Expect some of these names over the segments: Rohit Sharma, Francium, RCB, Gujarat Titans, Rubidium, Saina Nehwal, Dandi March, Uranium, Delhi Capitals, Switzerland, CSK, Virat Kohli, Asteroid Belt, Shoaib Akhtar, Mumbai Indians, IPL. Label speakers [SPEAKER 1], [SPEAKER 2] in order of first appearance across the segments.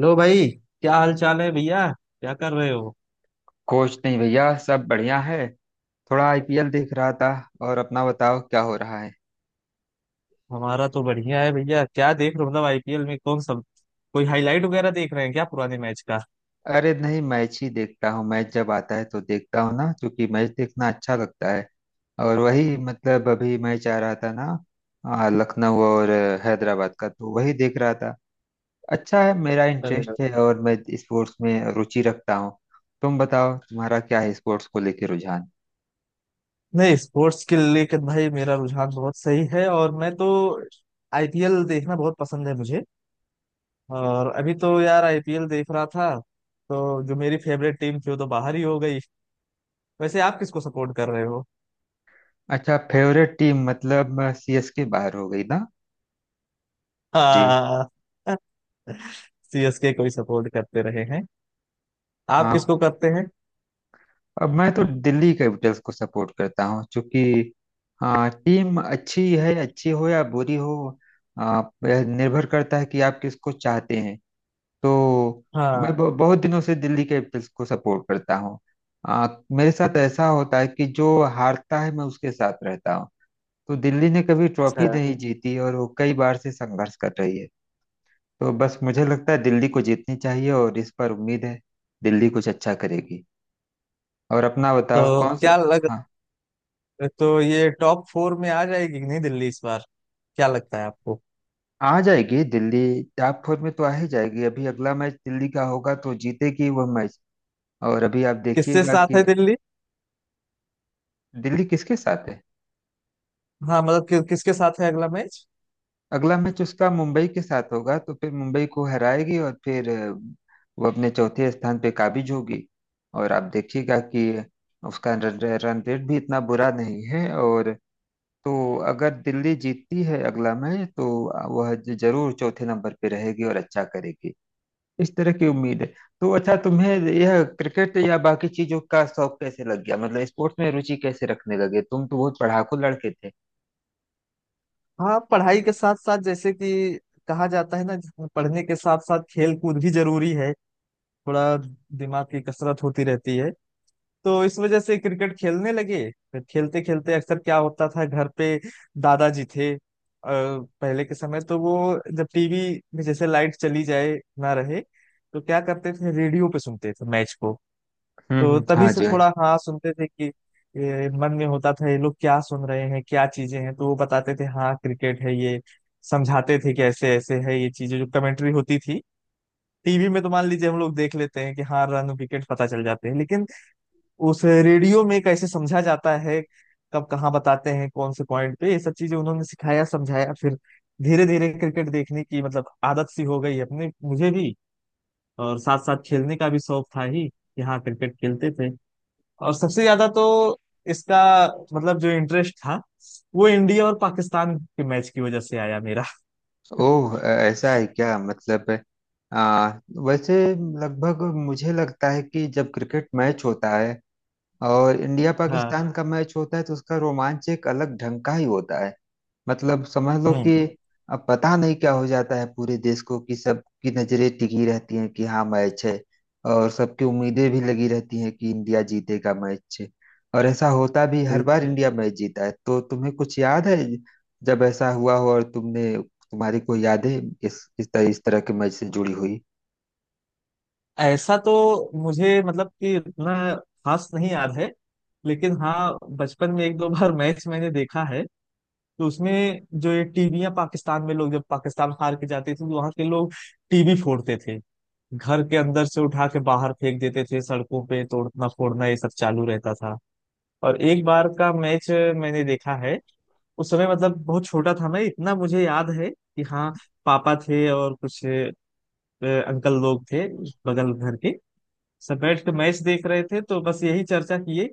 [SPEAKER 1] लो भाई। क्या हाल चाल है भैया? क्या कर रहे हो?
[SPEAKER 2] कुछ नहीं भैया, सब बढ़िया है। थोड़ा आईपीएल देख रहा था। और अपना बताओ क्या हो रहा है?
[SPEAKER 1] हमारा तो बढ़िया है भैया। क्या देख रहे हो मतलब आईपीएल में कौन सा? कोई हाईलाइट वगैरह देख रहे हैं क्या पुराने मैच का?
[SPEAKER 2] अरे नहीं, मैच ही देखता हूँ। मैच जब आता है तो देखता हूँ ना, क्योंकि मैच देखना अच्छा लगता है। और वही मतलब अभी मैच आ रहा था ना, लखनऊ और हैदराबाद का तो वही देख रहा था। अच्छा है, मेरा
[SPEAKER 1] अरे यार।
[SPEAKER 2] इंटरेस्ट है और मैं स्पोर्ट्स में रुचि रखता हूँ। तुम बताओ तुम्हारा क्या है स्पोर्ट्स को लेकर रुझान?
[SPEAKER 1] नहीं, स्पोर्ट्स के लेकर भाई मेरा रुझान बहुत सही है, और मैं तो आईपीएल देखना बहुत पसंद है मुझे। और अभी तो यार आईपीएल देख रहा था, तो जो मेरी फेवरेट टीम थी वो तो बाहर ही हो गई। वैसे आप किसको सपोर्ट कर रहे हो?
[SPEAKER 2] अच्छा, फेवरेट टीम मतलब सीएसके बाहर हो गई ना? जी।
[SPEAKER 1] हाँ, सीएसके को ही सपोर्ट करते रहे हैं। आप
[SPEAKER 2] हाँ।
[SPEAKER 1] किसको करते हैं?
[SPEAKER 2] अब मैं तो दिल्ली कैपिटल्स को सपोर्ट करता हूँ, क्योंकि हाँ, टीम अच्छी है, अच्छी हो या बुरी हो, आ, यह निर्भर करता है कि आप किसको चाहते हैं। तो मैं
[SPEAKER 1] हाँ।
[SPEAKER 2] बहुत दिनों से दिल्ली कैपिटल्स को सपोर्ट करता हूँ। मेरे साथ ऐसा होता है कि जो हारता है, मैं उसके साथ रहता हूँ। तो दिल्ली ने कभी ट्रॉफी
[SPEAKER 1] अच्छा।
[SPEAKER 2] नहीं जीती और वो कई बार से संघर्ष कर रही है। तो बस मुझे लगता है दिल्ली को जीतनी चाहिए और इस पर उम्मीद है दिल्ली कुछ अच्छा करेगी। और अपना बताओ
[SPEAKER 1] तो
[SPEAKER 2] कौन सा?
[SPEAKER 1] क्या लग,
[SPEAKER 2] हाँ।
[SPEAKER 1] तो ये टॉप 4 में आ जाएगी कि नहीं दिल्ली इस बार? क्या लगता है आपको?
[SPEAKER 2] आ जाएगी दिल्ली। टॉप फोर में तो आ ही जाएगी। अभी अगला मैच दिल्ली का होगा तो जीतेगी वह मैच। और अभी आप
[SPEAKER 1] किसके
[SPEAKER 2] देखिएगा
[SPEAKER 1] साथ
[SPEAKER 2] कि
[SPEAKER 1] है दिल्ली?
[SPEAKER 2] दिल्ली किसके साथ है।
[SPEAKER 1] हाँ मतलब किसके साथ है अगला मैच?
[SPEAKER 2] अगला मैच उसका मुंबई के साथ होगा तो फिर मुंबई को हराएगी और फिर वो अपने चौथे स्थान पे काबिज होगी। और आप देखिएगा कि उसका रन रन रेट भी इतना बुरा नहीं है। और तो अगर दिल्ली जीतती है अगला मैच तो वह जरूर चौथे नंबर पे रहेगी और अच्छा करेगी। इस तरह की उम्मीद है। तो अच्छा, तुम्हें यह क्रिकेट या बाकी चीजों का शौक कैसे लग गया? मतलब स्पोर्ट्स में रुचि कैसे रखने लगे? तुम तो बहुत पढ़ाकू लड़के थे।
[SPEAKER 1] हाँ, पढ़ाई के साथ साथ जैसे कि कहा जाता है ना, पढ़ने के साथ साथ खेल कूद भी जरूरी है। थोड़ा दिमाग की कसरत होती रहती है। तो इस वजह से क्रिकेट खेलने लगे। फिर खेलते खेलते अक्सर क्या होता था घर पे, दादाजी थे, पहले के समय तो वो, जब टीवी में जैसे लाइट चली जाए, ना रहे, तो क्या करते थे, रेडियो पे सुनते थे मैच को।
[SPEAKER 2] हम्म,
[SPEAKER 1] तो
[SPEAKER 2] हम्म, हाँ
[SPEAKER 1] तभी
[SPEAKER 2] हाँ,
[SPEAKER 1] से
[SPEAKER 2] जी जी, हाँ
[SPEAKER 1] थोड़ा
[SPEAKER 2] जी।
[SPEAKER 1] हाँ सुनते थे कि मन में होता था ये लोग क्या सुन रहे हैं, क्या चीजें हैं। तो वो बताते थे हाँ क्रिकेट है ये, समझाते थे कि ऐसे ऐसे है ये चीजें, जो कमेंट्री होती थी। टीवी में तो मान लीजिए हम लोग देख लेते हैं कि हाँ रन विकेट पता चल जाते हैं, लेकिन उस रेडियो में कैसे समझा जाता है, कब कहाँ बताते हैं कौन से पॉइंट पे, ये सब चीजें उन्होंने सिखाया समझाया। फिर धीरे धीरे क्रिकेट देखने की मतलब आदत सी हो गई अपने, मुझे भी। और साथ साथ खेलने का भी शौक था ही कि हाँ क्रिकेट खेलते थे। और सबसे ज्यादा तो इसका मतलब जो इंटरेस्ट था, वो इंडिया और पाकिस्तान के मैच की वजह से आया मेरा।
[SPEAKER 2] ओह, ऐसा है क्या? मतलब आ, वैसे लगभग मुझे लगता है कि जब क्रिकेट मैच होता है और इंडिया
[SPEAKER 1] हाँ।
[SPEAKER 2] पाकिस्तान का मैच होता है तो उसका रोमांच एक अलग ढंग का ही होता है। मतलब समझ लो
[SPEAKER 1] हम्म।
[SPEAKER 2] कि अब पता नहीं क्या हो जाता है पूरे देश को, कि सबकी नजरें टिकी रहती हैं कि हाँ मैच है। और सबकी उम्मीदें भी लगी रहती हैं कि इंडिया जीतेगा मैच। और ऐसा होता भी, हर
[SPEAKER 1] बिल-
[SPEAKER 2] बार इंडिया मैच जीता है। तो तुम्हें कुछ याद है जब ऐसा हुआ हो और तुमने, तुम्हारी कोई यादें इस तरह इस तरह के मैच से जुड़ी हुई?
[SPEAKER 1] ऐसा तो मुझे मतलब कि इतना खास नहीं याद है, लेकिन हाँ बचपन में 1-2 बार मैच मैंने देखा है। तो उसमें जो ये टीवियां, पाकिस्तान में लोग जब पाकिस्तान हार के जाते थे तो वहां के लोग टीवी फोड़ते थे, घर के अंदर से उठा के बाहर फेंक देते थे, सड़कों पे तोड़ना फोड़ना ये सब चालू रहता था। और एक बार का मैच मैंने देखा है, उस समय मतलब बहुत छोटा था मैं। इतना मुझे याद है कि हाँ पापा थे और कुछ अंकल लोग थे बगल घर के, सब बैठ के मैच देख रहे थे। तो बस यही चर्चा किए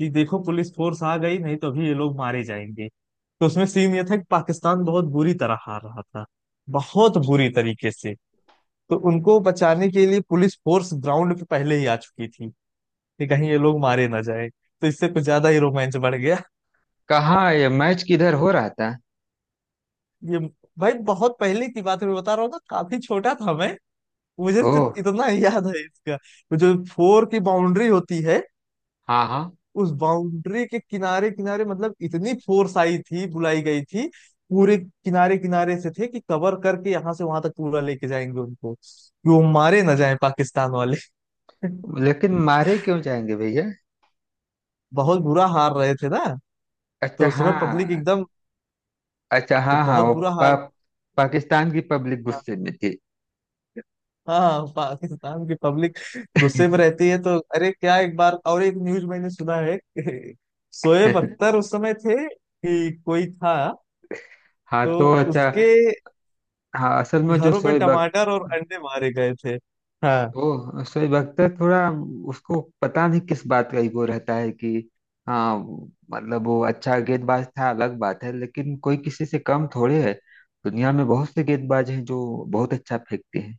[SPEAKER 1] कि देखो पुलिस फोर्स आ गई, नहीं तो अभी ये लोग मारे जाएंगे। तो उसमें सीन ये था कि पाकिस्तान बहुत बुरी तरह हार रहा था, बहुत बुरी तरीके से। तो उनको बचाने के लिए पुलिस फोर्स ग्राउंड पे पहले ही आ चुकी थी कि कहीं ये लोग मारे ना जाए। तो इससे कुछ ज्यादा ही रोमांच बढ़ गया।
[SPEAKER 2] कहाँ? ये मैच किधर हो रहा था?
[SPEAKER 1] ये, भाई बहुत पहले की बात है, मैं बता रहा हूँ ना, काफी छोटा था मैं। मुझे सिर्फ
[SPEAKER 2] ओह।
[SPEAKER 1] इतना ही याद है इसका। वो जो फोर की बाउंड्री होती है,
[SPEAKER 2] हाँ हाँ।
[SPEAKER 1] उस बाउंड्री के किनारे किनारे मतलब इतनी फोर्स आई थी, बुलाई गई थी, पूरे किनारे किनारे से थे कि कवर करके यहाँ से वहां तक पूरा लेके जाएंगे उनको कि वो मारे ना जाए पाकिस्तान वाले।
[SPEAKER 2] लेकिन मारे क्यों जाएंगे भैया?
[SPEAKER 1] बहुत बुरा हार रहे थे ना।
[SPEAKER 2] अच्छा।
[SPEAKER 1] तो उस समय पब्लिक
[SPEAKER 2] हाँ।
[SPEAKER 1] एकदम
[SPEAKER 2] अच्छा, हाँ हाँ।
[SPEAKER 1] बहुत
[SPEAKER 2] वो
[SPEAKER 1] बुरा हार
[SPEAKER 2] पाकिस्तान की पब्लिक
[SPEAKER 1] था।
[SPEAKER 2] गुस्से में थी।
[SPEAKER 1] हाँ, पाकिस्तान की पब्लिक गुस्से में रहती है। तो अरे क्या, एक बार और एक न्यूज मैंने सुना है कि शोएब अख्तर उस समय थे कि कोई था,
[SPEAKER 2] हाँ,
[SPEAKER 1] तो
[SPEAKER 2] तो अच्छा।
[SPEAKER 1] उसके
[SPEAKER 2] हाँ, असल में जो
[SPEAKER 1] घरों पे टमाटर और अंडे मारे गए थे। हाँ।
[SPEAKER 2] वो शोएब अख्तर, थोड़ा उसको पता नहीं किस बात का ईगो रहता है कि हाँ। मतलब वो अच्छा गेंदबाज था, अलग बात है, लेकिन कोई किसी से कम थोड़े है। दुनिया में बहुत से गेंदबाज हैं जो बहुत अच्छा फेंकते हैं।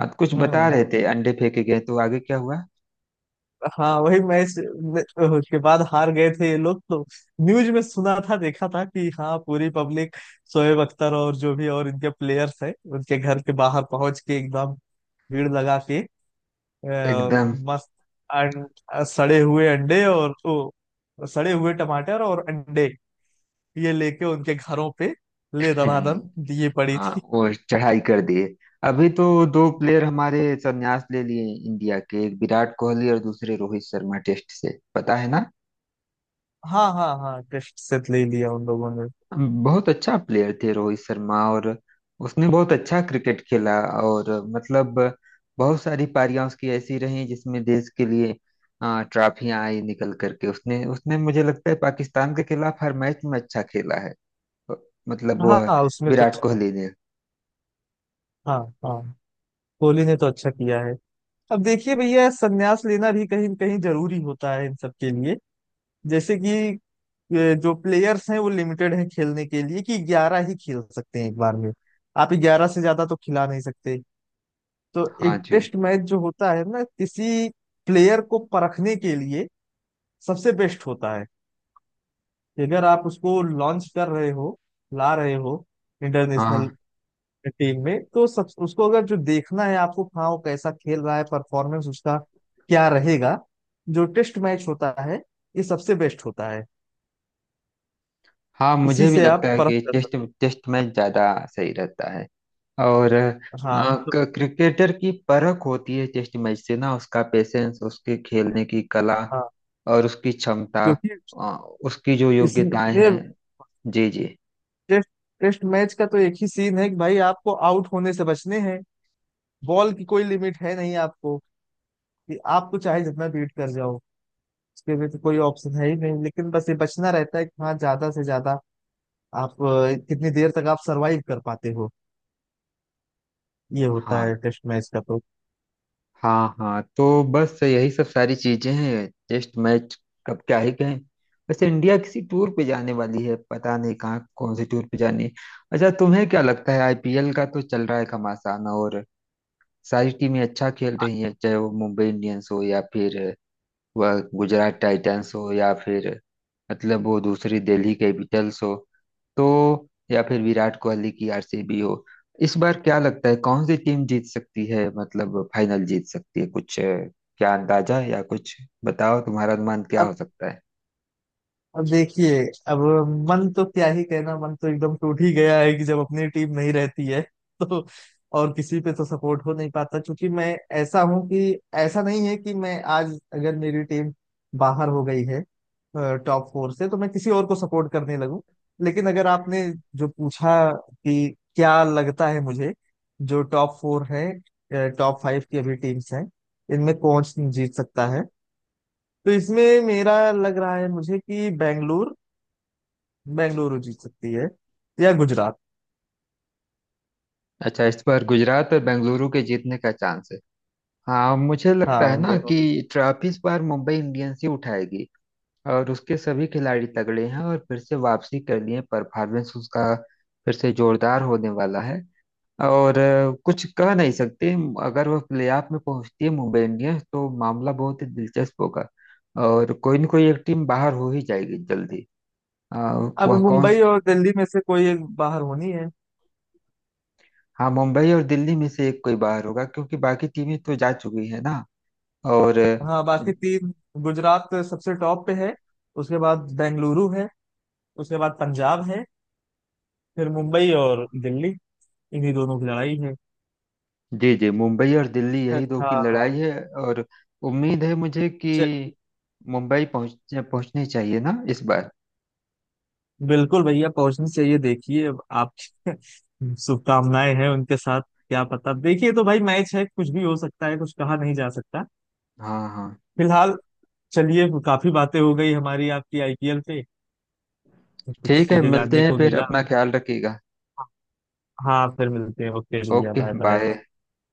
[SPEAKER 2] हाँ, तो कुछ बता
[SPEAKER 1] हम्म।
[SPEAKER 2] रहे थे अंडे फेंके गए, तो आगे क्या हुआ?
[SPEAKER 1] हाँ, वही मैच में- के बाद हार गए थे ये लोग। तो न्यूज में सुना था, देखा था कि हाँ पूरी पब्लिक शोएब अख्तर और जो भी और इनके प्लेयर्स हैं उनके घर के बाहर पहुंच के एकदम भीड़ लगा के और
[SPEAKER 2] एकदम।
[SPEAKER 1] मस्त सड़े हुए अंडे और सड़े हुए टमाटर और अंडे ये लेके उनके घरों पे ले दनादन
[SPEAKER 2] हम्म।
[SPEAKER 1] दिए पड़ी
[SPEAKER 2] हाँ,
[SPEAKER 1] थी।
[SPEAKER 2] वो चढ़ाई कर दिए। अभी तो दो प्लेयर हमारे संन्यास ले लिए इंडिया के, एक विराट कोहली और दूसरे रोहित शर्मा, टेस्ट से, पता है ना।
[SPEAKER 1] हाँ हाँ हाँ, टेस्ट सेट ले लिया उन लोगों ने।
[SPEAKER 2] बहुत अच्छा प्लेयर थे रोहित शर्मा और उसने बहुत अच्छा क्रिकेट खेला। और मतलब बहुत सारी पारियां उसकी ऐसी रही जिसमें देश के लिए ट्रॉफियां आई निकल करके। उसने उसने मुझे लगता है पाकिस्तान के खिलाफ हर मैच में अच्छा खेला है। मतलब
[SPEAKER 1] हाँ
[SPEAKER 2] वह
[SPEAKER 1] हाँ, उसमें तो
[SPEAKER 2] विराट
[SPEAKER 1] अच्छा।
[SPEAKER 2] कोहली ने।
[SPEAKER 1] हाँ हाँ, कोहली ने तो अच्छा किया है। अब देखिए भैया, संन्यास लेना भी कहीं न कहीं जरूरी होता है इन सब के लिए। जैसे कि जो प्लेयर्स हैं वो लिमिटेड हैं खेलने के लिए कि ग्यारह ही खेल सकते हैं एक बार में। आप 11 से ज्यादा तो खिला नहीं सकते। तो
[SPEAKER 2] हाँ
[SPEAKER 1] एक
[SPEAKER 2] जी,
[SPEAKER 1] टेस्ट मैच जो होता है ना, किसी प्लेयर को परखने के लिए सबसे बेस्ट होता है। कि अगर आप उसको लॉन्च कर रहे हो, ला रहे हो इंटरनेशनल
[SPEAKER 2] हाँ
[SPEAKER 1] टीम में, तो सब उसको अगर जो देखना है आपको हाँ वो कैसा खेल रहा है, परफॉर्मेंस उसका क्या रहेगा, जो टेस्ट मैच होता है ये सबसे बेस्ट होता है।
[SPEAKER 2] हाँ।
[SPEAKER 1] इसी
[SPEAKER 2] मुझे भी
[SPEAKER 1] से
[SPEAKER 2] लगता
[SPEAKER 1] आप
[SPEAKER 2] है
[SPEAKER 1] परख
[SPEAKER 2] कि
[SPEAKER 1] कर सकते
[SPEAKER 2] टेस्ट टेस्ट मैच ज्यादा सही रहता है। और
[SPEAKER 1] हैं। हाँ तो,
[SPEAKER 2] क्रिकेटर की परख होती है टेस्ट मैच से ना, उसका पेशेंस, उसके खेलने की कला
[SPEAKER 1] हाँ
[SPEAKER 2] और उसकी क्षमता,
[SPEAKER 1] क्योंकि
[SPEAKER 2] उसकी जो
[SPEAKER 1] इसमें
[SPEAKER 2] योग्यताएं हैं।
[SPEAKER 1] टेस्ट,
[SPEAKER 2] जी जी,
[SPEAKER 1] टेस्ट मैच का तो एक ही सीन है कि भाई आपको आउट होने से बचने हैं। बॉल की कोई लिमिट है नहीं आपको कि आपको चाहे जितना बीट कर जाओ, उसके भी तो कोई ऑप्शन है ही नहीं। लेकिन बस ये बचना रहता है कि हाँ ज्यादा से ज्यादा आप कितनी देर तक आप सरवाइव कर पाते हो, ये होता
[SPEAKER 2] हाँ
[SPEAKER 1] है टेस्ट मैच का। तो
[SPEAKER 2] हाँ हाँ। तो बस यही सब सारी चीजें हैं टेस्ट मैच। कब क्या ही कहें। वैसे इंडिया किसी टूर पे जाने वाली है, पता नहीं कहाँ, कौन से टूर पे जानी है। अच्छा, तुम्हें क्या लगता है, आईपीएल का तो चल रहा है घमासान और सारी टीमें अच्छा खेल रही हैं, चाहे वो मुंबई इंडियंस हो या फिर वह गुजरात टाइटंस हो या फिर मतलब वो दूसरी दिल्ली कैपिटल्स हो तो, या फिर विराट कोहली की आरसीबी हो। इस बार क्या लगता है कौन सी टीम जीत सकती है, मतलब फाइनल जीत सकती है? कुछ क्या अंदाजा है या कुछ बताओ, तुम्हारा अनुमान क्या
[SPEAKER 1] अब
[SPEAKER 2] हो सकता है?
[SPEAKER 1] अब देखिए, अब मन तो क्या ही कहना, मन तो एकदम टूट ही गया है कि जब अपनी टीम नहीं रहती है तो और किसी पे तो सपोर्ट हो नहीं पाता, क्योंकि मैं ऐसा हूं कि ऐसा नहीं है कि मैं आज अगर मेरी टीम बाहर हो गई है टॉप 4 से तो मैं किसी और को सपोर्ट करने लगूं। लेकिन अगर आपने जो पूछा कि क्या लगता है मुझे, जो टॉप 4 है, टॉप 5 की अभी टीम्स हैं, इनमें कौन जीत सकता है, तो इसमें मेरा लग रहा है मुझे कि बेंगलुरु बेंगलुरु जीत सकती है या गुजरात।
[SPEAKER 2] अच्छा, इस बार गुजरात और बेंगलुरु के जीतने का चांस है? हाँ, मुझे लगता
[SPEAKER 1] हाँ,
[SPEAKER 2] है
[SPEAKER 1] इन
[SPEAKER 2] ना
[SPEAKER 1] दोनों।
[SPEAKER 2] कि ट्रॉफी इस बार मुंबई इंडियंस ही उठाएगी, और उसके सभी खिलाड़ी तगड़े हैं और फिर से वापसी कर लिए, परफॉर्मेंस उसका फिर से जोरदार होने वाला है। और कुछ कह नहीं सकते। अगर वो प्लेऑफ में पहुंचती है मुंबई इंडियंस, तो मामला बहुत ही दिलचस्प होगा और कोई न कोई एक टीम बाहर हो ही जाएगी जल्दी। अ,
[SPEAKER 1] अब
[SPEAKER 2] वह कौन?
[SPEAKER 1] मुंबई और दिल्ली में से कोई एक बाहर होनी है।
[SPEAKER 2] हाँ, मुंबई और दिल्ली में से एक कोई बाहर होगा, क्योंकि बाकी टीमें तो जा चुकी है ना। और
[SPEAKER 1] हाँ, बाकी तीन। गुजरात सबसे टॉप पे है, उसके बाद बेंगलुरु है, उसके बाद पंजाब है। फिर मुंबई और दिल्ली, इन्हीं दोनों की लड़ाई है।
[SPEAKER 2] जी जी, मुंबई और दिल्ली, यही दो की
[SPEAKER 1] हाँ।
[SPEAKER 2] लड़ाई है। और उम्मीद है मुझे कि
[SPEAKER 1] च-
[SPEAKER 2] मुंबई पहुंचनी चाहिए ना इस बार।
[SPEAKER 1] बिल्कुल भैया, पहुंचनी चाहिए। देखिए अब आपकी शुभकामनाएं हैं उनके साथ। क्या पता, देखिए तो भाई मैच है, कुछ भी हो सकता है, कुछ कहा नहीं जा सकता
[SPEAKER 2] हाँ हाँ,
[SPEAKER 1] फिलहाल। चलिए, काफी बातें हो गई हमारी आपकी आईपीएल पे, कुछ
[SPEAKER 2] ठीक है,
[SPEAKER 1] चीजें
[SPEAKER 2] मिलते
[SPEAKER 1] जानने
[SPEAKER 2] हैं
[SPEAKER 1] को
[SPEAKER 2] फिर,
[SPEAKER 1] मिला।
[SPEAKER 2] अपना ख्याल रखिएगा।
[SPEAKER 1] हाँ फिर मिलते हैं, ओके भैया,
[SPEAKER 2] ओके,
[SPEAKER 1] बाय बाय।
[SPEAKER 2] बाय।